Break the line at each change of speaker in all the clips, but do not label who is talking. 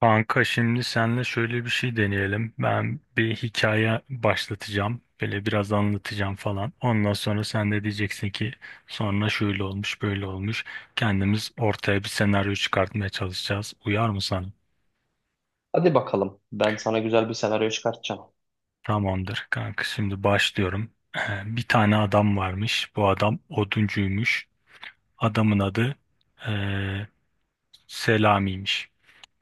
Kanka şimdi senle şöyle bir şey deneyelim. Ben bir hikaye başlatacağım. Böyle biraz anlatacağım falan. Ondan sonra sen de diyeceksin ki sonra şöyle olmuş, böyle olmuş. Kendimiz ortaya bir senaryo çıkartmaya çalışacağız. Uyar mı sana?
Hadi bakalım. Ben sana güzel bir senaryo çıkartacağım.
Tamamdır kanka şimdi başlıyorum. Bir tane adam varmış. Bu adam oduncuymuş. Adamın adı Selami'ymiş.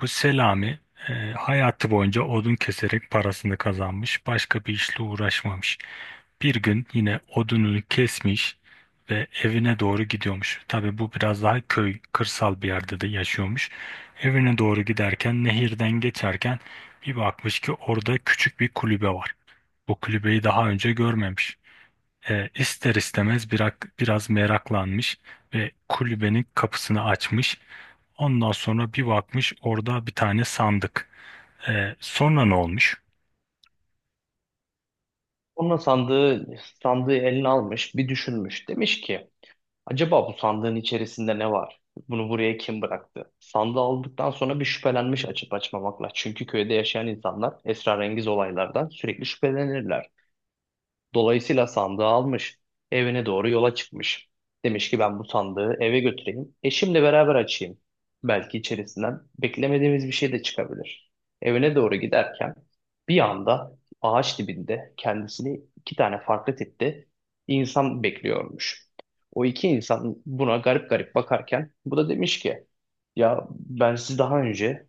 Bu Selami hayatı boyunca odun keserek parasını kazanmış, başka bir işle uğraşmamış. Bir gün yine odununu kesmiş ve evine doğru gidiyormuş. Tabii bu biraz daha köy, kırsal bir yerde de yaşıyormuş. Evine doğru giderken, nehirden geçerken bir bakmış ki orada küçük bir kulübe var. Bu kulübeyi daha önce görmemiş. İster istemez biraz meraklanmış ve kulübenin kapısını açmış. Ondan sonra bir bakmış orada bir tane sandık. Sonra ne olmuş?
Onun sandığı, sandığı eline almış, bir düşünmüş. Demiş ki, acaba bu sandığın içerisinde ne var? Bunu buraya kim bıraktı? Sandığı aldıktan sonra bir şüphelenmiş açıp açmamakla. Çünkü köyde yaşayan insanlar esrarengiz olaylardan sürekli şüphelenirler. Dolayısıyla sandığı almış, evine doğru yola çıkmış. Demiş ki ben bu sandığı eve götüreyim, eşimle beraber açayım. Belki içerisinden beklemediğimiz bir şey de çıkabilir. Evine doğru giderken bir anda ağaç dibinde kendisini iki tane farklı tipte insan bekliyormuş. O iki insan buna garip garip bakarken bu da demiş ki ya ben sizi daha önce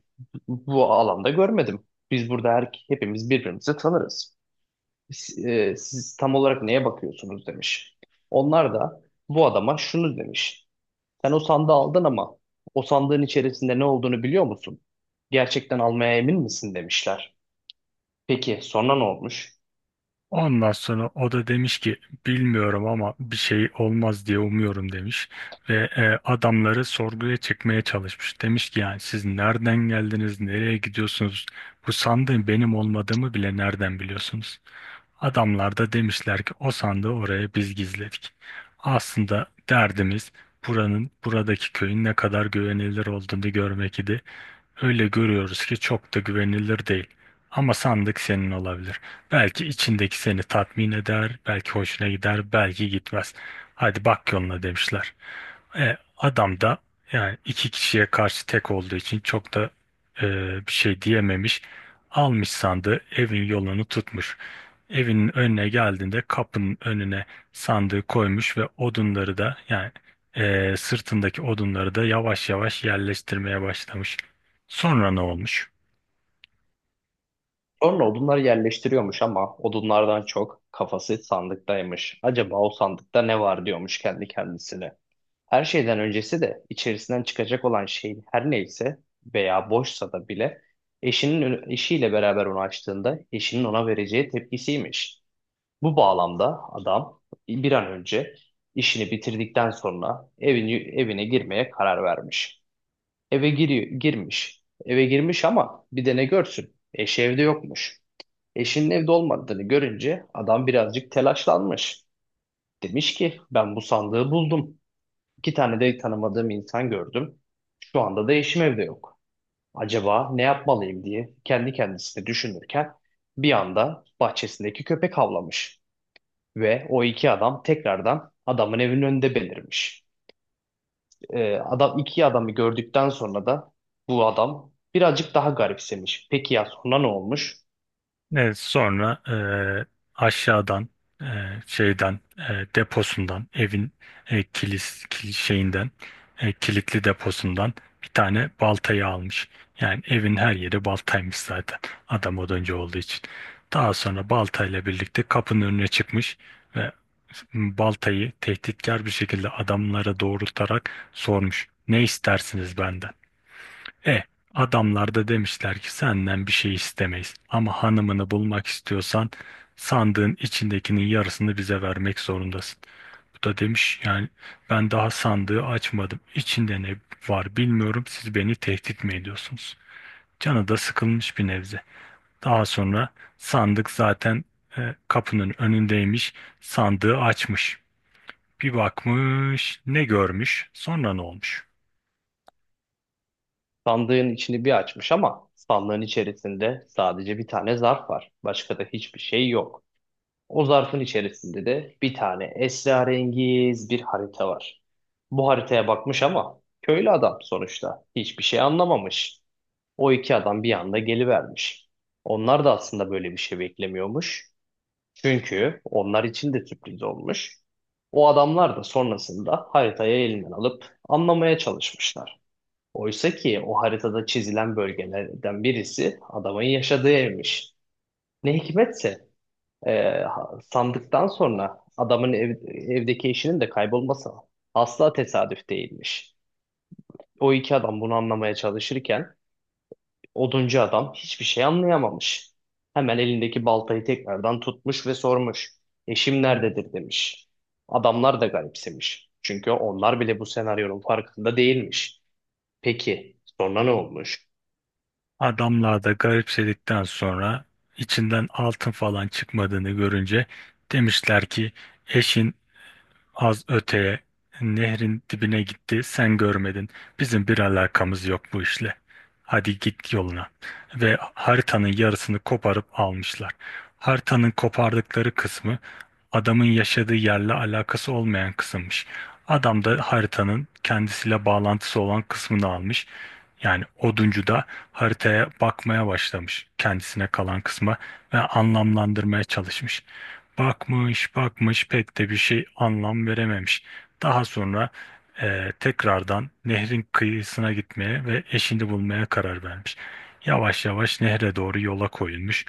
bu alanda görmedim. Biz burada hepimiz birbirimizi tanırız siz, siz tam olarak neye bakıyorsunuz demiş. Onlar da bu adama şunu demiş. Sen o sandığı aldın ama o sandığın içerisinde ne olduğunu biliyor musun? Gerçekten almaya emin misin demişler. Peki sonra ne olmuş?
Ondan sonra o da demiş ki bilmiyorum ama bir şey olmaz diye umuyorum demiş. Ve adamları sorguya çekmeye çalışmış. Demiş ki yani siz nereden geldiniz, nereye gidiyorsunuz? Bu sandığın benim olmadığımı bile nereden biliyorsunuz? Adamlar da demişler ki o sandığı oraya biz gizledik. Aslında derdimiz buradaki köyün ne kadar güvenilir olduğunu görmek idi. Öyle görüyoruz ki çok da güvenilir değil. Ama sandık senin olabilir. Belki içindeki seni tatmin eder, belki hoşuna gider, belki gitmez. Hadi bak yoluna demişler. Adam da yani iki kişiye karşı tek olduğu için çok da e, bir şey diyememiş. Almış sandığı evin yolunu tutmuş. Evinin önüne geldiğinde kapının önüne sandığı koymuş ve odunları da yani sırtındaki odunları da yavaş yavaş yerleştirmeye başlamış. Sonra ne olmuş?
Sonra odunları yerleştiriyormuş ama odunlardan çok kafası sandıktaymış. Acaba o sandıkta ne var diyormuş kendi kendisine. Her şeyden öncesi de içerisinden çıkacak olan şey her neyse veya boşsa da bile eşiyle beraber onu açtığında eşinin ona vereceği tepkisiymiş. Bu bağlamda adam bir an önce işini bitirdikten sonra evine girmeye karar vermiş. Girmiş. Eve girmiş ama bir de ne görsün? Eşi evde yokmuş. Eşinin evde olmadığını görünce adam birazcık telaşlanmış. Demiş ki ben bu sandığı buldum. İki tane de tanımadığım insan gördüm. Şu anda da eşim evde yok. Acaba ne yapmalıyım diye kendi kendisine düşünürken bir anda bahçesindeki köpek havlamış ve o iki adam tekrardan adamın evinin önünde belirmiş. Adam iki adamı gördükten sonra da bu adam birazcık daha garipsemiş. Peki ya sonra ne olmuş?
Evet, sonra aşağıdan e, şeyden deposundan evin e, kilis kil- şeyinden e, kilitli deposundan bir tane baltayı almış. Yani evin her yeri baltaymış zaten. Adam oduncu olduğu için. Daha sonra baltayla birlikte kapının önüne çıkmış ve baltayı tehditkar bir şekilde adamlara doğrultarak sormuş. Ne istersiniz benden? E, adamlar da demişler ki senden bir şey istemeyiz. Ama hanımını bulmak istiyorsan sandığın içindekinin yarısını bize vermek zorundasın. Bu da demiş yani ben daha sandığı açmadım. İçinde ne var bilmiyorum. Siz beni tehdit mi ediyorsunuz? Canı da sıkılmış bir nebze. Daha sonra sandık zaten kapının önündeymiş. Sandığı açmış. Bir bakmış, ne görmüş, sonra ne olmuş?
Sandığın içini bir açmış ama sandığın içerisinde sadece bir tane zarf var. Başka da hiçbir şey yok. O zarfın içerisinde de bir tane esrarengiz bir harita var. Bu haritaya bakmış ama köylü adam sonuçta hiçbir şey anlamamış. O iki adam bir anda gelivermiş. Onlar da aslında böyle bir şey beklemiyormuş. Çünkü onlar için de sürpriz olmuş. O adamlar da sonrasında haritayı elinden alıp anlamaya çalışmışlar. Oysa ki o haritada çizilen bölgelerden birisi adamın yaşadığı evmiş. Ne hikmetse ee, sandıktan sonra evdeki eşinin de kaybolması asla tesadüf değilmiş. O iki adam bunu anlamaya çalışırken oduncu adam hiçbir şey anlayamamış. Hemen elindeki baltayı tekrardan tutmuş ve sormuş. Eşim nerededir demiş. Adamlar da garipsemiş. Çünkü onlar bile bu senaryonun farkında değilmiş. Peki sonra ne olmuş?
Adamlar da garipsedikten sonra içinden altın falan çıkmadığını görünce demişler ki eşin az öteye nehrin dibine gitti sen görmedin. Bizim bir alakamız yok bu işle. Hadi git yoluna. Ve haritanın yarısını koparıp almışlar. Haritanın kopardıkları kısmı adamın yaşadığı yerle alakası olmayan kısımmış. Adam da haritanın kendisiyle bağlantısı olan kısmını almış. Yani oduncu da haritaya bakmaya başlamış kendisine kalan kısma ve anlamlandırmaya çalışmış. Bakmış bakmış pek de bir şey anlam verememiş. Daha sonra tekrardan nehrin kıyısına gitmeye ve eşini bulmaya karar vermiş. Yavaş yavaş nehre doğru yola koyulmuş.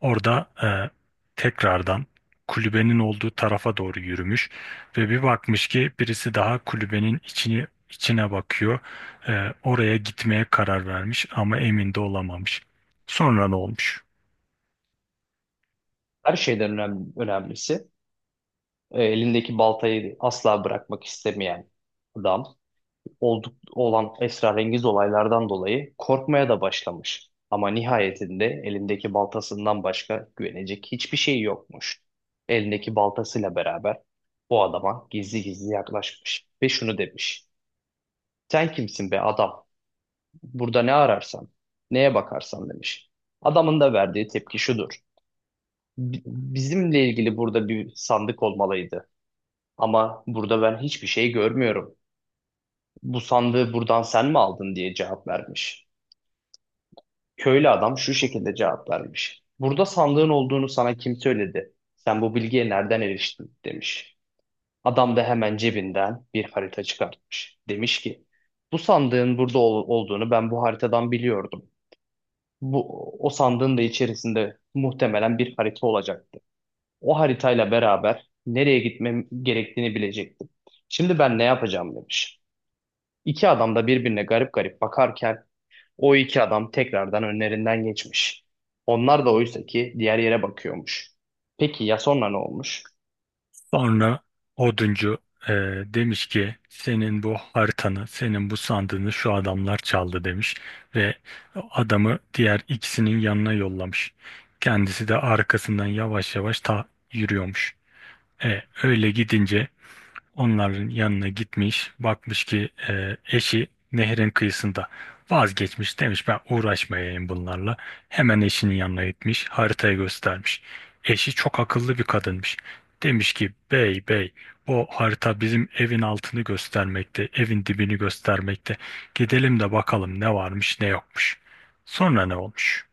Orada tekrardan kulübenin olduğu tarafa doğru yürümüş ve bir bakmış ki birisi daha kulübenin içine bakıyor. Oraya gitmeye karar vermiş ama emin de olamamış. Sonra ne olmuş?
Önemlisi elindeki baltayı asla bırakmak istemeyen adam olan esrarengiz olaylardan dolayı korkmaya da başlamış. Ama nihayetinde elindeki baltasından başka güvenecek hiçbir şey yokmuş. Elindeki baltasıyla beraber bu adama gizli gizli yaklaşmış ve şunu demiş. Sen kimsin be adam? Burada ne ararsan, neye bakarsan demiş. Adamın da verdiği tepki şudur. Bizimle ilgili burada bir sandık olmalıydı. Ama burada ben hiçbir şey görmüyorum. Bu sandığı buradan sen mi aldın diye cevap vermiş. Köylü adam şu şekilde cevap vermiş. Burada sandığın olduğunu sana kim söyledi? Sen bu bilgiye nereden eriştin? Demiş. Adam da hemen cebinden bir harita çıkartmış. Demiş ki bu sandığın burada olduğunu ben bu haritadan biliyordum. Bu, o sandığın da içerisinde muhtemelen bir harita olacaktı. O haritayla beraber nereye gitmem gerektiğini bilecektim. Şimdi ben ne yapacağım demiş. İki adam da birbirine garip garip bakarken o iki adam tekrardan önlerinden geçmiş. Onlar da oysa ki diğer yere bakıyormuş. Peki ya sonra ne olmuş?
Sonra oduncu e, demiş ki senin bu haritanı, senin bu sandığını şu adamlar çaldı demiş ve adamı diğer ikisinin yanına yollamış. Kendisi de arkasından yavaş yavaş ta yürüyormuş. Öyle gidince onların yanına gitmiş, bakmış ki eşi nehrin kıyısında vazgeçmiş demiş ben uğraşmayayım bunlarla. Hemen eşinin yanına gitmiş, haritayı göstermiş. Eşi çok akıllı bir kadınmış. Demiş ki bey, o harita bizim evin altını göstermekte, evin dibini göstermekte. Gidelim de bakalım ne varmış ne yokmuş. Sonra ne olmuş?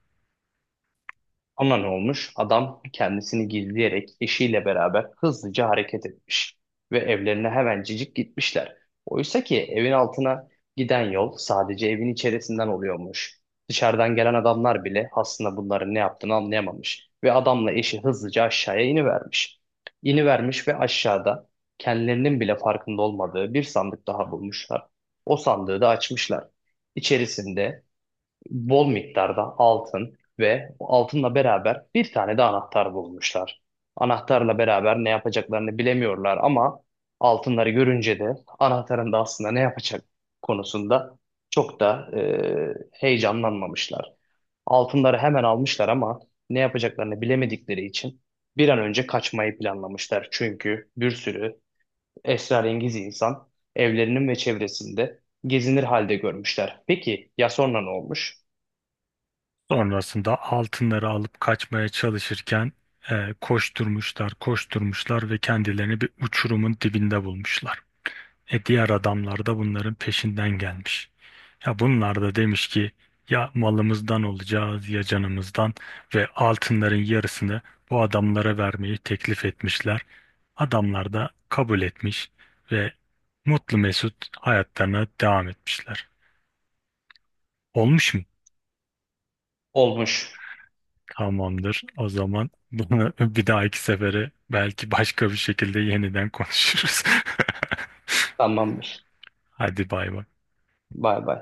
Ona ne olmuş? Adam kendisini gizleyerek eşiyle beraber hızlıca hareket etmiş ve evlerine hemencecik gitmişler. Oysa ki evin altına giden yol sadece evin içerisinden oluyormuş. Dışarıdan gelen adamlar bile aslında bunların ne yaptığını anlayamamış ve adamla eşi hızlıca aşağıya inivermiş. İnivermiş ve aşağıda kendilerinin bile farkında olmadığı bir sandık daha bulmuşlar. O sandığı da açmışlar. İçerisinde bol miktarda altın ve altınla beraber bir tane de anahtar bulmuşlar. Anahtarla beraber ne yapacaklarını bilemiyorlar ama altınları görünce de anahtarın da aslında ne yapacak konusunda çok da heyecanlanmamışlar. Altınları hemen almışlar ama ne yapacaklarını bilemedikleri için bir an önce kaçmayı planlamışlar. Çünkü bir sürü esrarengiz insan evlerinin ve çevresinde gezinir halde görmüşler. Peki ya sonra ne olmuş?
Sonrasında altınları alıp kaçmaya çalışırken koşturmuşlar ve kendilerini bir uçurumun dibinde bulmuşlar. E diğer adamlar da bunların peşinden gelmiş. Ya bunlar da demiş ki ya malımızdan olacağız ya canımızdan ve altınların yarısını bu adamlara vermeyi teklif etmişler. Adamlar da kabul etmiş ve mutlu mesut hayatlarına devam etmişler. Olmuş mu?
Olmuş.
Tamamdır. O zaman bunu bir dahaki sefere belki başka bir şekilde yeniden konuşuruz.
Tamamdır.
Hadi bay bay.
Bay bay.